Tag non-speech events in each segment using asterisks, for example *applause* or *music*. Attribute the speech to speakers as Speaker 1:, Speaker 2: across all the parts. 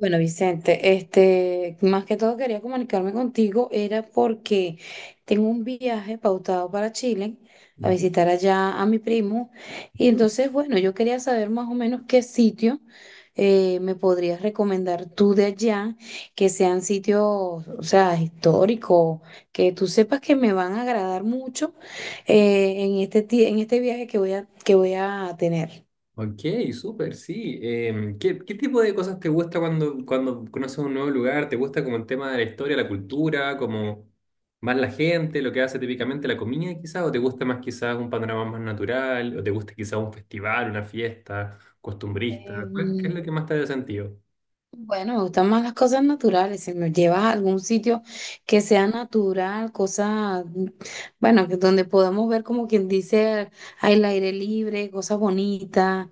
Speaker 1: Bueno, Vicente, más que todo quería comunicarme contigo, era porque tengo un viaje pautado para Chile a
Speaker 2: Ujú.
Speaker 1: visitar allá a mi primo. Y entonces, bueno, yo quería saber más o menos qué sitio me podrías recomendar tú de allá, que sean sitios, o sea, históricos, que tú sepas que me van a agradar mucho en este viaje que que voy a tener.
Speaker 2: Ok, súper, sí. ¿Qué tipo de cosas te gusta cuando, cuando, conoces un nuevo lugar? ¿Te gusta como el tema de la historia, la cultura, como más la gente, lo que hace típicamente la comida quizás? ¿O te gusta más quizás un panorama más natural? ¿O te gusta quizás un festival, una fiesta costumbrista? ¿Qué es
Speaker 1: Em,
Speaker 2: lo que más te hace sentido?
Speaker 1: Bueno, me gustan más las cosas naturales. Si me llevas a algún sitio que sea natural, cosas, bueno, que donde podamos ver, como quien dice, al aire libre, cosas bonitas.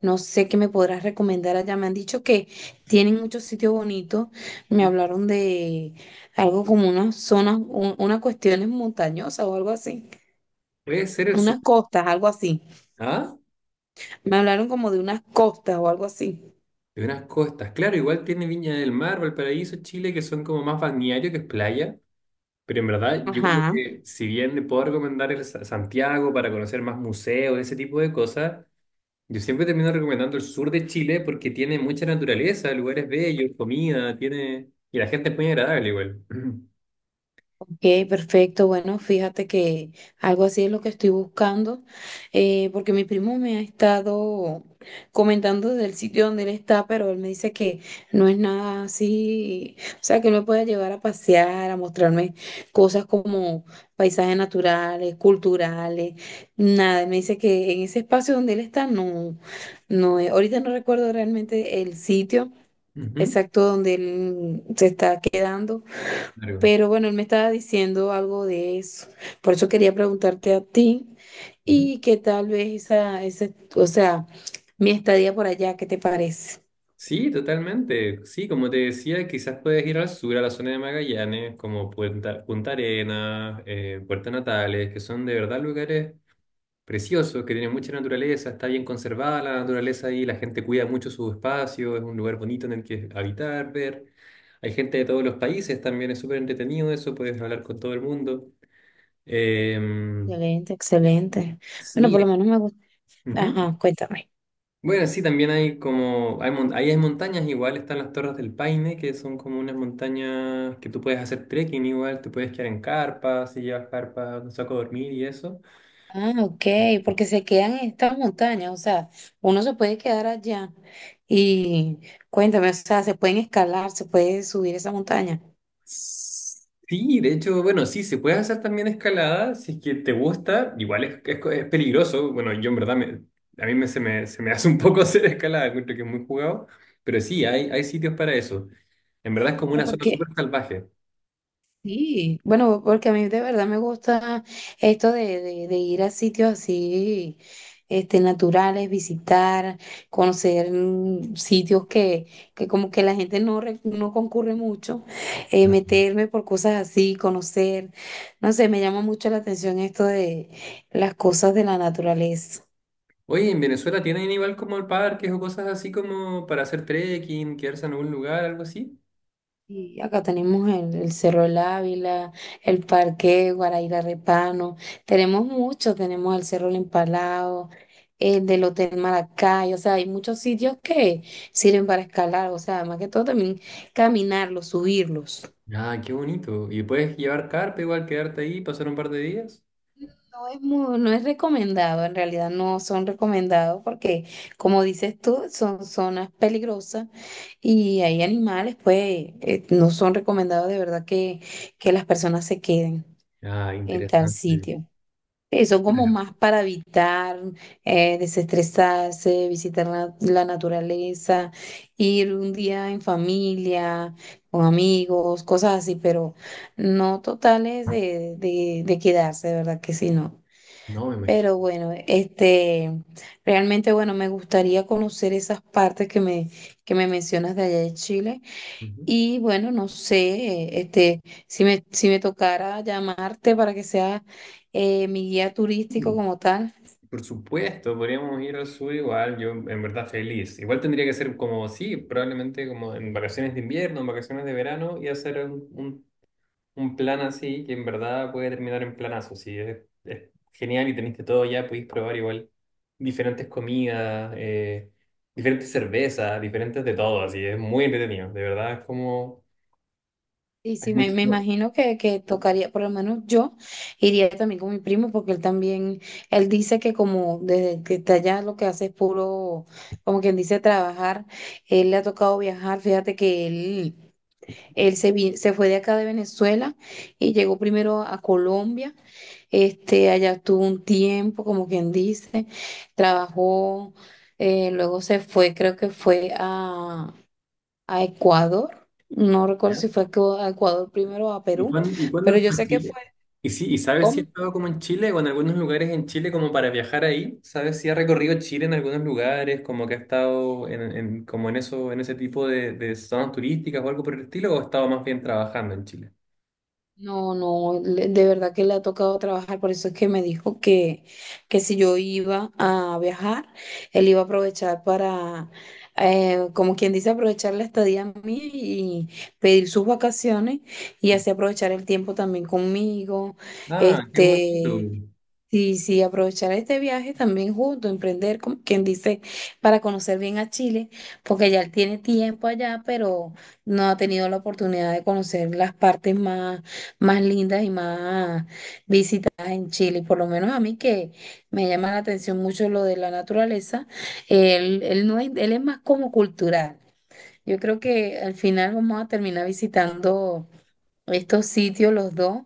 Speaker 1: No sé qué me podrás recomendar allá. Me han dicho que tienen muchos sitios bonitos. Me hablaron de algo como unas zonas, unas cuestiones montañosas o algo así.
Speaker 2: Puede ser el sur.
Speaker 1: Unas costas, algo así.
Speaker 2: ¿Ah?
Speaker 1: Me hablaron como de unas costas o algo así.
Speaker 2: De unas costas. Claro, igual tiene Viña del Mar, Valparaíso, Chile, que son como más balneario, que es playa. Pero en verdad, yo como
Speaker 1: Ajá.
Speaker 2: que, si bien le puedo recomendar el Santiago para conocer más museos, ese tipo de cosas, yo siempre termino recomendando el sur de Chile porque tiene mucha naturaleza, lugares bellos, comida, tiene... Y la gente es muy agradable igual. *clears throat*
Speaker 1: Ok, perfecto. Bueno, fíjate que algo así es lo que estoy buscando, porque mi primo me ha estado comentando del sitio donde él está, pero él me dice que no es nada así, o sea, que no me puede llevar a pasear, a mostrarme cosas como paisajes naturales, culturales, nada. Él me dice que en ese espacio donde él está, no, no, ahorita no recuerdo realmente el sitio
Speaker 2: Ujú,
Speaker 1: exacto donde él se está quedando,
Speaker 2: claro.
Speaker 1: pero bueno, él me estaba diciendo algo de eso. Por eso quería preguntarte a ti,
Speaker 2: Ujú.
Speaker 1: y que tal vez o sea, mi estadía por allá, ¿qué te parece?
Speaker 2: Sí, totalmente. Sí, como te decía, quizás puedes ir al sur, a la zona de Magallanes, como Punta Arenas, Puerto Natales, que son de verdad lugares precioso, que tiene mucha naturaleza, está bien conservada la naturaleza ahí, la gente cuida mucho su espacio, es un lugar bonito en el que habitar, ver. Hay gente de todos los países también, es súper entretenido eso, puedes hablar con todo el mundo. Eh,
Speaker 1: Excelente, excelente. Bueno,
Speaker 2: sí,
Speaker 1: por lo menos me gusta.
Speaker 2: ujú.
Speaker 1: Ajá, cuéntame.
Speaker 2: Bueno, sí, también hay como, hay, mon- ahí hay montañas igual, están las Torres del Paine, que son como unas montañas que tú puedes hacer trekking igual, te puedes quedar en carpas, si llevas carpas, un saco a dormir y eso.
Speaker 1: Ah, ok, porque se quedan en estas montañas, o sea, uno se puede quedar allá, y cuéntame, o sea, se pueden escalar, se puede subir esa montaña.
Speaker 2: Sí, de hecho, bueno, sí, se puede hacer también escalada si es que te gusta. Igual es peligroso. Bueno, yo en verdad, a mí se me hace un poco *laughs* hacer escalada, encuentro que es muy jugado. Pero sí, hay sitios para eso. En verdad es como
Speaker 1: Bueno,
Speaker 2: una zona
Speaker 1: porque
Speaker 2: súper salvaje.
Speaker 1: Sí, bueno, porque a mí de verdad me gusta esto de, de ir a sitios así, naturales, visitar, conocer, sitios que como que la gente no, no concurre mucho, meterme por cosas así, conocer, no sé, me llama mucho la atención esto de las cosas de la naturaleza.
Speaker 2: Oye, ¿en Venezuela tienen igual como parques o cosas así como para hacer trekking, quedarse en algún lugar, algo así?
Speaker 1: Y acá tenemos el Cerro del Ávila, el Parque Guaraíra Repano, tenemos mucho, tenemos el Cerro El Empalado, el del Hotel Maracay, o sea, hay muchos sitios que sirven para escalar, o sea, más que todo también caminarlos, subirlos.
Speaker 2: Ah, qué bonito. ¿Y puedes llevar carpa igual, quedarte ahí, pasar un par de días?
Speaker 1: No es recomendado, en realidad no son recomendados porque, como dices tú, son zonas peligrosas y hay animales, pues, no son recomendados, de verdad que las personas se queden
Speaker 2: Ah,
Speaker 1: en tal
Speaker 2: interesante.
Speaker 1: sitio. Sí, son como más para evitar, desestresarse, visitar la naturaleza, ir un día en familia, con amigos, cosas así, pero no totales de, de quedarse, de verdad que sí, no.
Speaker 2: No, me imagino.
Speaker 1: Pero bueno, realmente, bueno, me gustaría conocer esas partes que que me mencionas de allá de Chile. Y bueno, no sé, este, si me, si me tocara llamarte para que sea mi guía turístico
Speaker 2: Ujú.
Speaker 1: como tal.
Speaker 2: Por supuesto, podríamos ir al sur igual, yo en verdad feliz. Igual tendría que ser como, sí, probablemente como en vacaciones de invierno, en vacaciones de verano y hacer un plan así que en verdad puede terminar en planazo, sí, es genial y teniste todo ya, podéis probar igual diferentes comidas, diferentes cervezas, diferentes de todo, así, es muy entretenido, de verdad es como,
Speaker 1: Y
Speaker 2: hay
Speaker 1: sí me
Speaker 2: mucho.
Speaker 1: imagino que tocaría, por lo menos yo iría también con mi primo, porque él también, él dice que como desde que está allá lo que hace es puro, como quien dice, trabajar. Él le ha tocado viajar, fíjate que él, se fue de acá de Venezuela y llegó primero a Colombia. Este, allá estuvo un tiempo, como quien dice, trabajó, luego se fue, creo que fue a Ecuador, no recuerdo
Speaker 2: ¿Ya?
Speaker 1: si fue a a Ecuador primero o a
Speaker 2: ¿Y
Speaker 1: Perú,
Speaker 2: cuándo
Speaker 1: pero yo
Speaker 2: fue a
Speaker 1: sé que fue,
Speaker 2: Chile? ¿Y, sí, y sabes si he
Speaker 1: ¿cómo?
Speaker 2: estado como en Chile o en algunos lugares en Chile como para viajar ahí? ¿Sabes si ha recorrido Chile en algunos lugares, como que ha estado como en eso, en ese tipo de zonas turísticas o algo por el estilo, o ha estado más bien trabajando en Chile?
Speaker 1: No, no, de verdad que le ha tocado trabajar, por eso es que me dijo que si yo iba a viajar, él iba a aprovechar para, como quien dice, aprovechar la estadía mía y pedir sus vacaciones, y así aprovechar el tiempo también conmigo,
Speaker 2: Ah, qué
Speaker 1: este,
Speaker 2: bonito.
Speaker 1: sí, sí, aprovechar este viaje también junto, emprender, como quien dice, para conocer bien a Chile, porque ya él tiene tiempo allá, pero no ha tenido la oportunidad de conocer las partes más, más lindas y más visitadas en Chile. Por lo menos a mí, que me llama la atención mucho lo de la naturaleza, él no es, él es más como cultural. Yo creo que al final vamos a terminar visitando estos sitios los dos,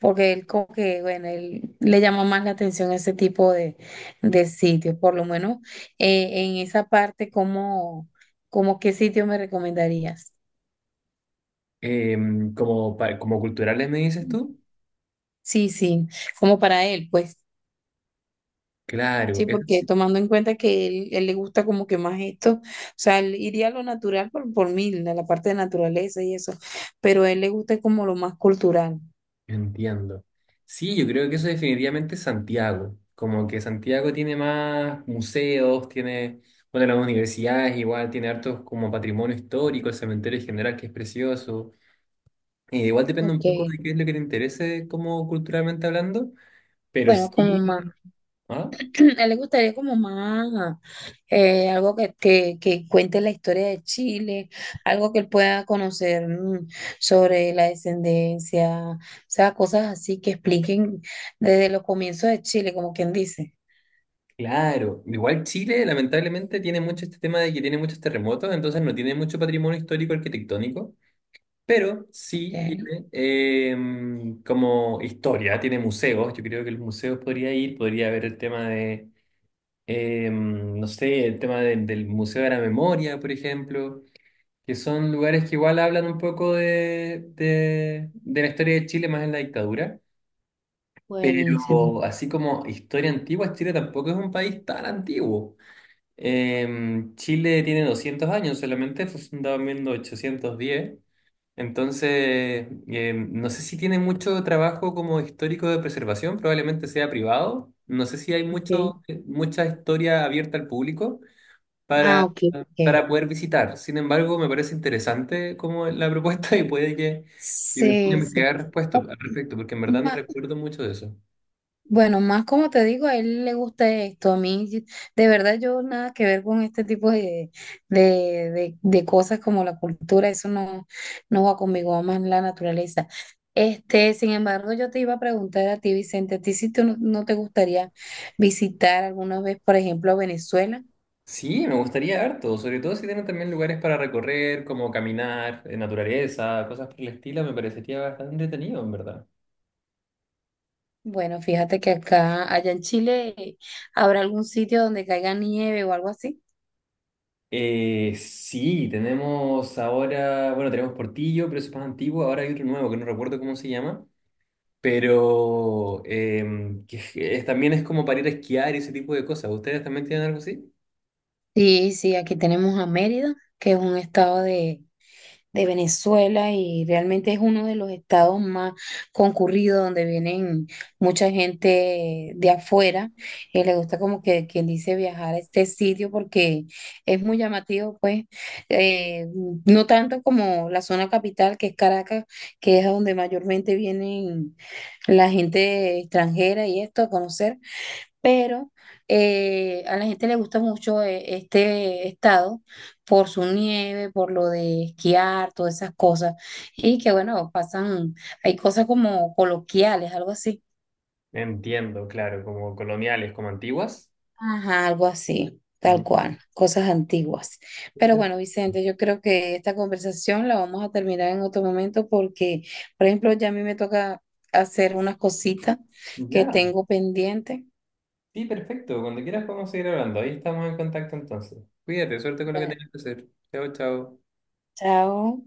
Speaker 1: porque él como que, bueno, él le llama más la atención ese tipo de sitios, por lo menos en esa parte, ¿cómo, cómo qué sitio me recomendarías?
Speaker 2: Como, como culturales me dices tú.
Speaker 1: Sí, sí, como para él, pues,
Speaker 2: Claro,
Speaker 1: sí, porque
Speaker 2: es...
Speaker 1: tomando en cuenta que él le gusta como que más esto, o sea, él iría a lo natural por mí, a la parte de naturaleza y eso, pero a él le gusta como lo más cultural,
Speaker 2: Entiendo. Sí, yo creo que eso definitivamente es Santiago. Como que Santiago tiene más museos, tiene, bueno, las universidades igual, tiene hartos como patrimonio histórico, el cementerio en general que es precioso. Igual depende un poco
Speaker 1: ok,
Speaker 2: de qué es lo que te interese como culturalmente hablando, pero
Speaker 1: bueno, como más.
Speaker 2: sí. ¿Ah?
Speaker 1: *clears throat* A él le gustaría como más algo que, que cuente la historia de Chile, algo que él pueda conocer, mm, sobre la descendencia, o sea, cosas así que expliquen desde los comienzos de Chile, como quien dice.
Speaker 2: Claro. Igual Chile lamentablemente tiene mucho este tema de que tiene muchos terremotos, entonces no tiene mucho patrimonio histórico arquitectónico. Pero
Speaker 1: Ok.
Speaker 2: sí tiene como historia, tiene museos. Yo creo que los museos podría ir, podría haber el tema de no sé, el tema del Museo de la Memoria, por ejemplo, que son lugares que igual hablan un poco de de la historia de Chile más en la dictadura.
Speaker 1: Buenísimo.
Speaker 2: Pero así como historia antigua, Chile tampoco es un país tan antiguo. Chile tiene 200 años solamente, fue fundado en 1810. Entonces, no sé si tiene mucho trabajo como histórico de preservación, probablemente sea privado. No sé si hay
Speaker 1: Ok.
Speaker 2: mucho, mucha historia abierta al público
Speaker 1: Ah,
Speaker 2: para,
Speaker 1: ok,
Speaker 2: para
Speaker 1: ok.
Speaker 2: poder visitar. Sin embargo, me parece interesante como la propuesta *laughs* y puede que me ponga a
Speaker 1: Sí, sí.
Speaker 2: investigar respuesta
Speaker 1: Oh,
Speaker 2: al respecto, porque en verdad no
Speaker 1: Ma-
Speaker 2: recuerdo mucho de eso.
Speaker 1: Bueno, más como te digo, a él le gusta esto. A mí, sí, de verdad, yo nada que ver con este tipo de, de cosas como la cultura, eso no, no va conmigo, va más la naturaleza. Este, sin embargo, yo te iba a preguntar a ti, Vicente, ¿a ti si tú no, no te gustaría visitar alguna vez, por ejemplo, a Venezuela?
Speaker 2: Sí, me gustaría harto, sobre todo si tienen también lugares para recorrer, como caminar, naturaleza, cosas por el estilo, me parecería bastante entretenido, en verdad.
Speaker 1: Bueno, fíjate que acá, allá en Chile, habrá algún sitio donde caiga nieve o algo así.
Speaker 2: Sí, tenemos ahora, bueno, tenemos Portillo, pero eso es más antiguo. Ahora hay otro nuevo que no recuerdo cómo se llama, pero que también es como para ir a esquiar y ese tipo de cosas. ¿Ustedes también tienen algo así?
Speaker 1: Sí, sí, aquí tenemos a Mérida, que es un estado de Venezuela, y realmente es uno de los estados más concurridos donde vienen mucha gente de afuera, y le gusta como que quien dice viajar a este sitio porque es muy llamativo, pues, eh, no tanto como la zona capital, que es Caracas, que es a donde mayormente vienen la gente extranjera y esto a conocer, pero a la gente le gusta mucho este estado por su nieve, por lo de esquiar, todas esas cosas, y que bueno, pasan, hay cosas como coloquiales, algo así.
Speaker 2: Entiendo, claro, como coloniales, como antiguas.
Speaker 1: Ajá, algo así, tal
Speaker 2: Mm.
Speaker 1: cual, cosas antiguas. Pero bueno, Vicente, yo creo que esta conversación la vamos a terminar en otro momento porque, por ejemplo, ya a mí me toca hacer unas cositas que
Speaker 2: Ya,
Speaker 1: tengo pendiente.
Speaker 2: sí, perfecto. Cuando quieras podemos seguir hablando. Ahí estamos en contacto entonces. Cuídate, suerte con lo que
Speaker 1: Ya,
Speaker 2: tengas que hacer. Chao, chao.
Speaker 1: chao.